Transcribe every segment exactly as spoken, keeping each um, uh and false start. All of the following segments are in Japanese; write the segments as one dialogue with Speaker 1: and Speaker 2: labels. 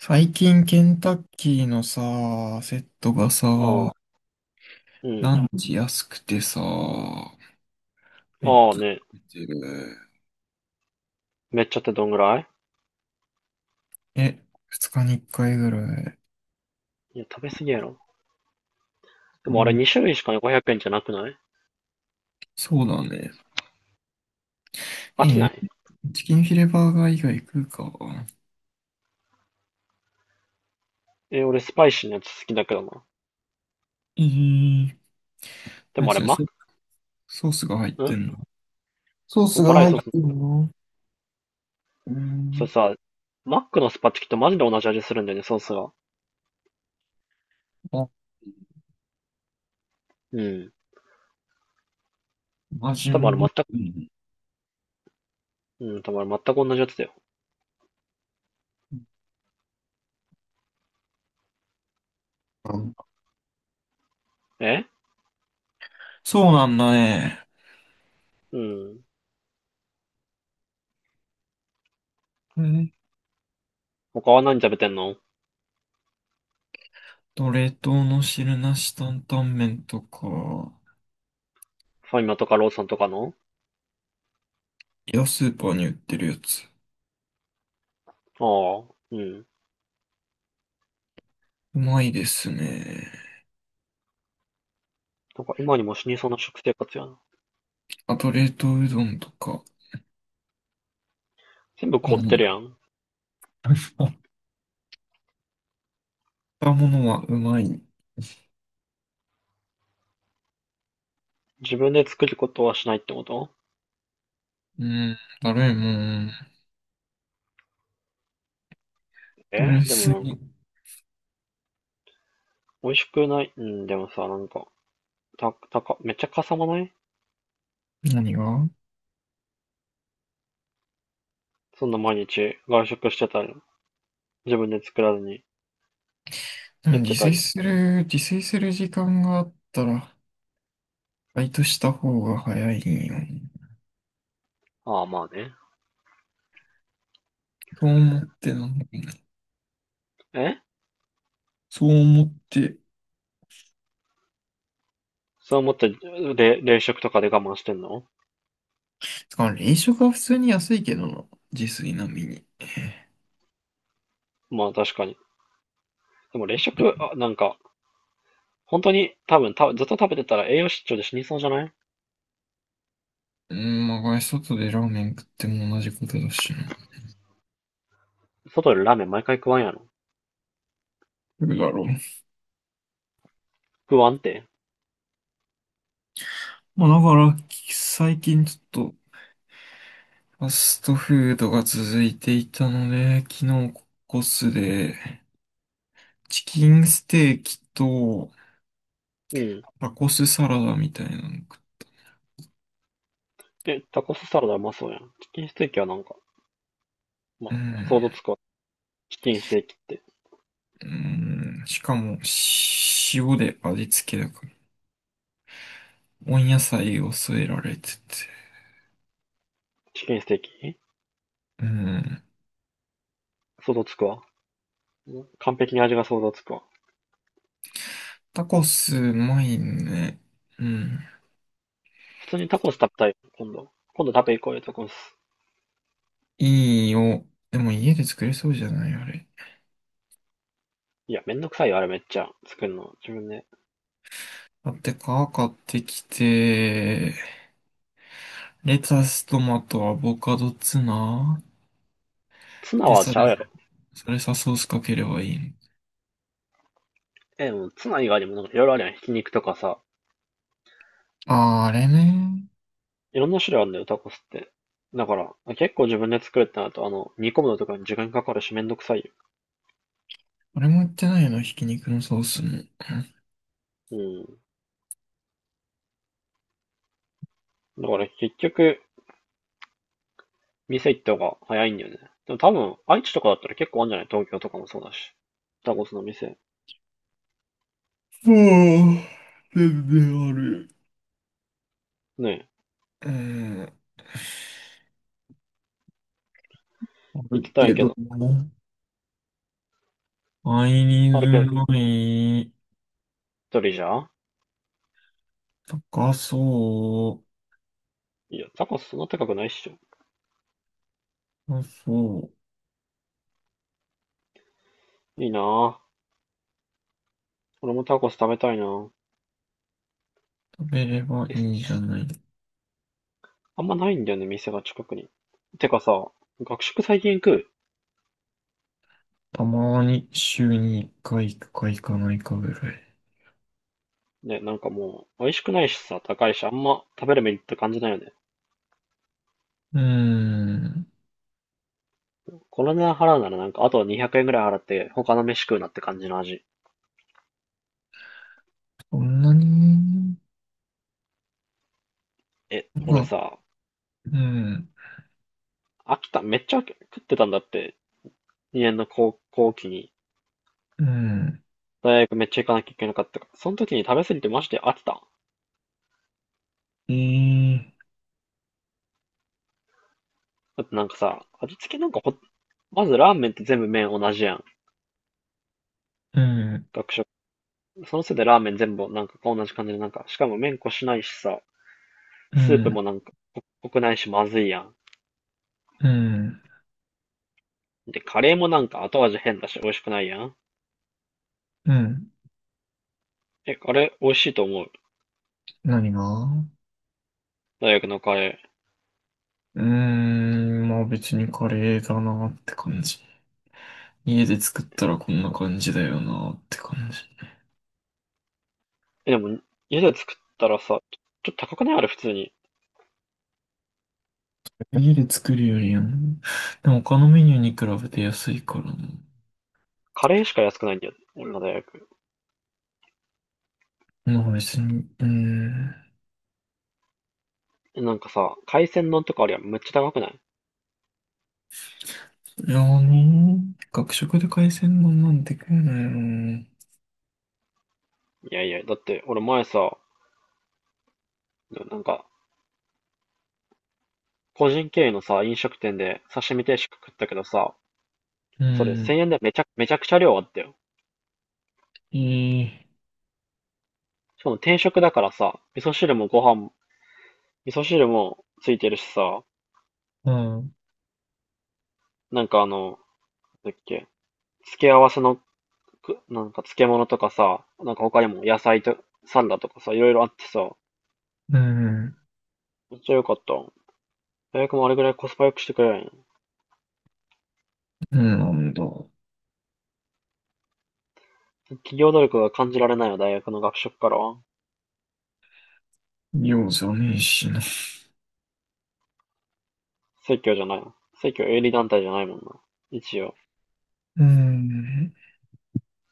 Speaker 1: 最近ケンタッキーのさ、セットが
Speaker 2: ああ、
Speaker 1: さ、
Speaker 2: う
Speaker 1: ラ
Speaker 2: ん。
Speaker 1: ンチ安くてさ、めっ
Speaker 2: ああ
Speaker 1: ちゃ
Speaker 2: ね。
Speaker 1: 食べてる。
Speaker 2: めっちゃってどんぐらい？
Speaker 1: え、二日に一回ぐらい。
Speaker 2: いや、食べ過ぎやろ。で
Speaker 1: う
Speaker 2: もあれ
Speaker 1: ん、
Speaker 2: に種類しかごひゃくえんじゃなくない？
Speaker 1: そうだね。
Speaker 2: 飽きな
Speaker 1: え、
Speaker 2: い？
Speaker 1: チキンフィレバーガー以外食うか。
Speaker 2: え、俺スパイシーなやつ好きだけどな。
Speaker 1: えー、
Speaker 2: で
Speaker 1: 何
Speaker 2: もあれ
Speaker 1: それ、
Speaker 2: マッ
Speaker 1: ソソースが入っ
Speaker 2: ク、ん。
Speaker 1: てんの？ソー
Speaker 2: そう、
Speaker 1: スが
Speaker 2: 辛い
Speaker 1: 入っ
Speaker 2: ソ
Speaker 1: て
Speaker 2: ー
Speaker 1: る
Speaker 2: ス。
Speaker 1: の？う
Speaker 2: それ
Speaker 1: ん、
Speaker 2: さ、マックのスパチキとマジで同じ味するんだよね、ソースが。
Speaker 1: あ、
Speaker 2: うん。
Speaker 1: 味
Speaker 2: 多分あれ
Speaker 1: も。
Speaker 2: 全く、
Speaker 1: うん、
Speaker 2: うん、多分あれ全く同じやつだよ。え。
Speaker 1: そうなんだね。
Speaker 2: うん。
Speaker 1: え
Speaker 2: 他は何食べてんの？
Speaker 1: と、冷凍の汁なし担々麺とか、
Speaker 2: ファミマとかローソンとかの？
Speaker 1: いや、スーパーに売ってるやつ。
Speaker 2: ああ、うん。
Speaker 1: うまいですね。
Speaker 2: なんか今にも死にそうな食生活やな。
Speaker 1: あと、冷凍うどんとか、
Speaker 2: 全部
Speaker 1: あ
Speaker 2: 凍っ
Speaker 1: の、
Speaker 2: てるやん。
Speaker 1: 買ったものはうまい。
Speaker 2: 自分で作ることはしないってこと？
Speaker 1: うん、だるいもん。だ
Speaker 2: え
Speaker 1: る
Speaker 2: ーでも
Speaker 1: す
Speaker 2: なんか
Speaker 1: ぎ。
Speaker 2: 美味しくない。うん、でもさ、なんか、た、たか、めっちゃかさまない？
Speaker 1: 何が？
Speaker 2: そんな毎日外食してたり、自分で作らずに
Speaker 1: でも
Speaker 2: やっ
Speaker 1: 自
Speaker 2: てた
Speaker 1: 炊
Speaker 2: り。
Speaker 1: する、自炊する時間があったら、バイトした方が早いよ。
Speaker 2: ああ、まあね。
Speaker 1: そう思ってな。
Speaker 2: え。
Speaker 1: そう思って。
Speaker 2: そう思って、れ、冷食とかで我慢してんの？
Speaker 1: つか、冷食は普通に安いけどな。自炊並みに。
Speaker 2: まあ確かに。でも冷食、あ、なんか、本当に多分た、ずっと食べてたら栄養失調で死にそうじゃない？
Speaker 1: うん、まあ、これ外でラーメン食っても同じことだしな。
Speaker 2: 外でラーメン毎回食わんやろ。
Speaker 1: どうだろう。
Speaker 2: 食わんって。
Speaker 1: まあ、だから、最近ちょっと、ファストフードが続いていたので、昨日コスで、チキンステーキと、
Speaker 2: うん。
Speaker 1: タコスサラダみたいなの食っ
Speaker 2: え、タコスサラダうまそうやん。チキンステーキはなんか、ま、
Speaker 1: う
Speaker 2: 想
Speaker 1: ん、
Speaker 2: 像つくわ。チキンステーキって。
Speaker 1: うん、しかも、塩で味付けだから、温野菜を添えられてて。
Speaker 2: チキンステーキ
Speaker 1: うん、
Speaker 2: 想像つくわ。完璧に味が想像つくわ。
Speaker 1: タコスうまいね。うん、
Speaker 2: 普通にタコス食べたい？今度。今度食べ行こうよ、タコス。
Speaker 1: いいよ。でも家で作れそうじゃない？あれ。
Speaker 2: いや、めんどくさいよ、あれめっちゃ。作るの。自分で。
Speaker 1: 買って皮買ってきて、レタス、トマト、アボカド、ツナ。
Speaker 2: ツナ
Speaker 1: で、
Speaker 2: は
Speaker 1: そ
Speaker 2: ち
Speaker 1: れ、
Speaker 2: ゃうやろ。
Speaker 1: それさ、ソースかければいいの？
Speaker 2: え、もうツナ以外にもなんかいろいろあるやん。ひき肉とかさ。
Speaker 1: あー、あれね。
Speaker 2: いろんな種類あるんだよ、タコスって。だから、結構自分で作るってなると、あの、煮込むのとかに時間かかるしめんどくさいよ。
Speaker 1: あれも言ってないの、ひき肉のソースも。
Speaker 2: うん。だから結局、店行った方が早いんだよね。でも多分、愛知とかだったら結構あるんじゃない？東京とかもそうだし。タコスの店。
Speaker 1: ああ、全然ある。
Speaker 2: ねえ、
Speaker 1: うん。あ
Speaker 2: 行
Speaker 1: る
Speaker 2: きた
Speaker 1: け
Speaker 2: いけ
Speaker 1: ど
Speaker 2: ど。
Speaker 1: も。買いズ
Speaker 2: あるけど、
Speaker 1: づらい。
Speaker 2: 一人じゃん？
Speaker 1: 高そう。
Speaker 2: いや、タコスそんな高くないっしょ。
Speaker 1: 高そう。
Speaker 2: いいなぁ。俺もタコス食べたいな。
Speaker 1: 食べれば
Speaker 2: え、
Speaker 1: いいじゃない。
Speaker 2: あんまないんだよね、店が近くに。てかさ、学食最近食
Speaker 1: たまに週にいっかい行くか行かないかぐらい。
Speaker 2: うね、なんかもう、美味しくないしさ、高いし、あんま食べるメリット感じないよね。
Speaker 1: うーん。
Speaker 2: この値段払うならなんか、あとにひゃくえんぐらい払って、他の飯食うなって感じの味。
Speaker 1: そんなに、
Speaker 2: え、
Speaker 1: ま
Speaker 2: 俺
Speaker 1: あ、
Speaker 2: さ、
Speaker 1: うん、
Speaker 2: 秋ためっちゃ飽き食ってたんだって、にねんの高校期に。
Speaker 1: うん、
Speaker 2: 大学めっちゃ行かなきゃいけなかったから。その時に食べ過ぎてマジで飽きた。
Speaker 1: ええ、
Speaker 2: だってなんかさ、味付けなんかほ、まずラーメンって全部麺同じやん。
Speaker 1: うん、
Speaker 2: 学食。そのせいでラーメン全部なんか同じ感じでなんか、しかも麺こしないしさ、
Speaker 1: う
Speaker 2: スープ
Speaker 1: ん、
Speaker 2: もなんか濃くないしまずいやん。
Speaker 1: うん、
Speaker 2: で、カレーもなんか後味変だし美味しくないやん。
Speaker 1: うん、
Speaker 2: え、あれ美味しいと思う？
Speaker 1: 何が？
Speaker 2: 大学のカレー。
Speaker 1: うーん、まあ別にカレーだなって感じ。家で作ったらこんな感じだよなって感じ。
Speaker 2: え、でも家で作ったらさ、ちょっと高くないあれ普通に？
Speaker 1: 家で作るよりやん。でも他のメニューに比べて安いからな。
Speaker 2: カレーしか安くないんだよ。俺の大学。
Speaker 1: まあ別に、うーん。
Speaker 2: え、なんかさ、海鮮丼とかありはめっちゃ高くない？
Speaker 1: いやーねー、学食で海鮮丼なんて食えないよな。
Speaker 2: いやいや、だって俺前さ、なんか個人経営のさ、飲食店で刺身定食食ったけどさ、
Speaker 1: う
Speaker 2: それ
Speaker 1: ん、
Speaker 2: せんえんでめちゃ、めちゃくちゃ量あったよ。
Speaker 1: いい、
Speaker 2: しかも定食だからさ、味噌汁もご飯も、味噌汁もついてるしさ、
Speaker 1: うん。
Speaker 2: なんかあの、なんだっけ、付け合わせのく、なんか漬物とかさ、なんか他にも野菜と、サラダとかさ、いろいろあってさ、
Speaker 1: うん。
Speaker 2: めっちゃ良かった。大学もあれぐらいコスパ良くしてくれんよ。
Speaker 1: なんだ。
Speaker 2: 企業努力が感じられないよ、大学の学食からは。
Speaker 1: ようじゃねえしな。
Speaker 2: 正教じゃないの？正教営利団体じゃないもんな。一応。
Speaker 1: うん。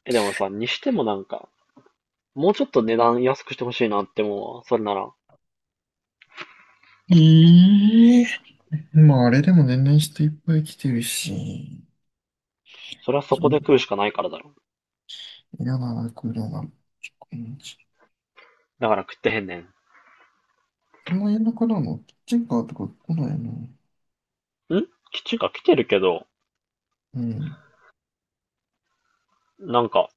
Speaker 2: え、でもさ、にしてもなんか、もうちょっと値段安くしてほしいなって思うわ。それなら。
Speaker 1: ええ、まあ、あれでも年々人いっぱい来てるし。
Speaker 2: それはそこで食うしかないからだろ。
Speaker 1: 嫌だな、これな。
Speaker 2: だから食ってへんねん。
Speaker 1: 今夜中だの、キッチンカーとか来ないな。
Speaker 2: ん基中学来てるけど、
Speaker 1: うん。
Speaker 2: なんか、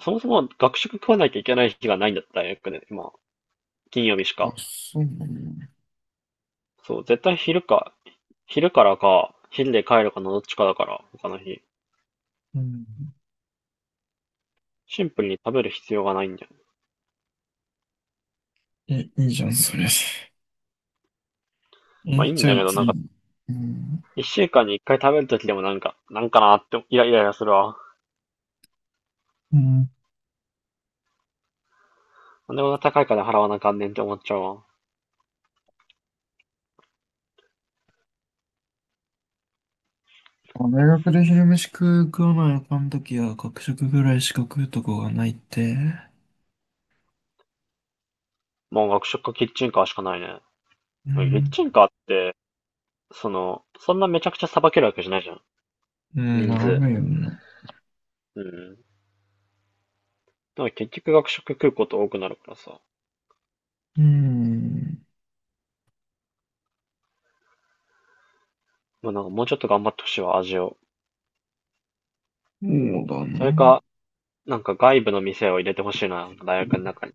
Speaker 2: そもそも学食食わなきゃいけない日がないんだった、大学で。今、金曜日しか。
Speaker 1: あ、そうなんだ。
Speaker 2: そう、絶対昼か、昼からか、昼で帰るかのどっちかだから、他の日。
Speaker 1: うん。
Speaker 2: シンプルに食べる必要がないんだよね。
Speaker 1: え、いいじゃん、それ。
Speaker 2: まあい
Speaker 1: え、
Speaker 2: いん
Speaker 1: じゃ
Speaker 2: だけ
Speaker 1: あい
Speaker 2: ど、
Speaker 1: つ
Speaker 2: なんか、
Speaker 1: に。うん。
Speaker 2: 一週間に一回食べるときでもなんか、なんかなーって、イライライラするわ。
Speaker 1: うん。
Speaker 2: なんでこんな高い金払わなあかんねんって思っちゃうわ。
Speaker 1: 大学で昼飯食う食わないあかんときは、学食ぐらいしか食うとこがないって。
Speaker 2: もう学食かキッチンカーしかないね。
Speaker 1: う
Speaker 2: うん、キッ
Speaker 1: ん。
Speaker 2: チンカーって、その、そんなめちゃくちゃ捌けるわけじゃないじゃん。
Speaker 1: うん、
Speaker 2: 人数。
Speaker 1: 並べよな。
Speaker 2: うん。だから結局学食食うこと多くなるからさ。
Speaker 1: うん、
Speaker 2: まあなんかもうちょっと頑張ってほしいわ、味を。
Speaker 1: そうだ
Speaker 2: それ
Speaker 1: な。
Speaker 2: か、なんか外部の店を入れてほしいな、大学の中に。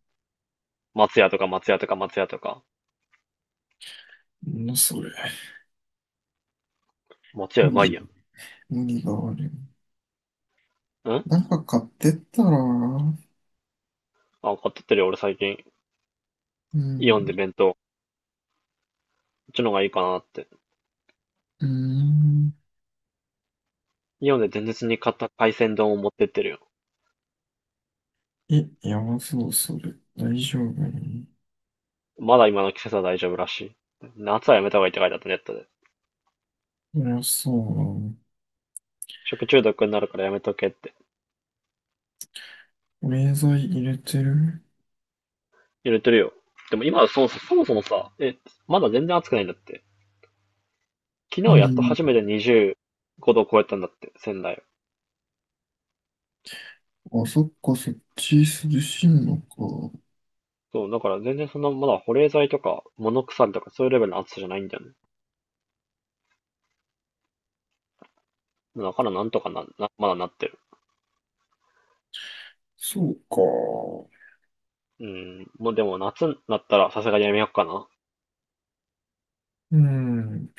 Speaker 2: 松屋とか松屋とか松屋とか。
Speaker 1: なんだそれ。
Speaker 2: 松屋
Speaker 1: 無
Speaker 2: うまいや
Speaker 1: 理、無理がある。
Speaker 2: ん。ん
Speaker 1: なんか買ってったら、う
Speaker 2: あ、買ってってるよ、俺最近。イオン
Speaker 1: ん、
Speaker 2: で弁当。こっちの方がいいかなって。
Speaker 1: うん。
Speaker 2: イオンで前日に買った海鮮丼を持ってってるよ。
Speaker 1: え、やばそう、それ。大丈夫に？
Speaker 2: まだ今の季節は大丈夫らしい。夏はやめた方がいいって書いてあったネットで。
Speaker 1: そりゃそうだな。
Speaker 2: 食中毒になるからやめとけって。
Speaker 1: 保冷剤入れてる？
Speaker 2: 入れてるよ。でも今はそうそう、そもそもさ、え、まだ全然暑くないんだって。昨
Speaker 1: う
Speaker 2: 日やっと
Speaker 1: ん。
Speaker 2: 初めてにじゅうごど超えたんだって、仙台を。
Speaker 1: あ、そっか、そっち涼しいのか。
Speaker 2: そう、だから全然そんな、まだ保冷剤とか物腐リとかそういうレベルの暑さじゃないんだよね。だからなんとかな、なまだなってる。
Speaker 1: そうか。
Speaker 2: うん、もうでも夏になったらさすがにやめようかな。
Speaker 1: うん。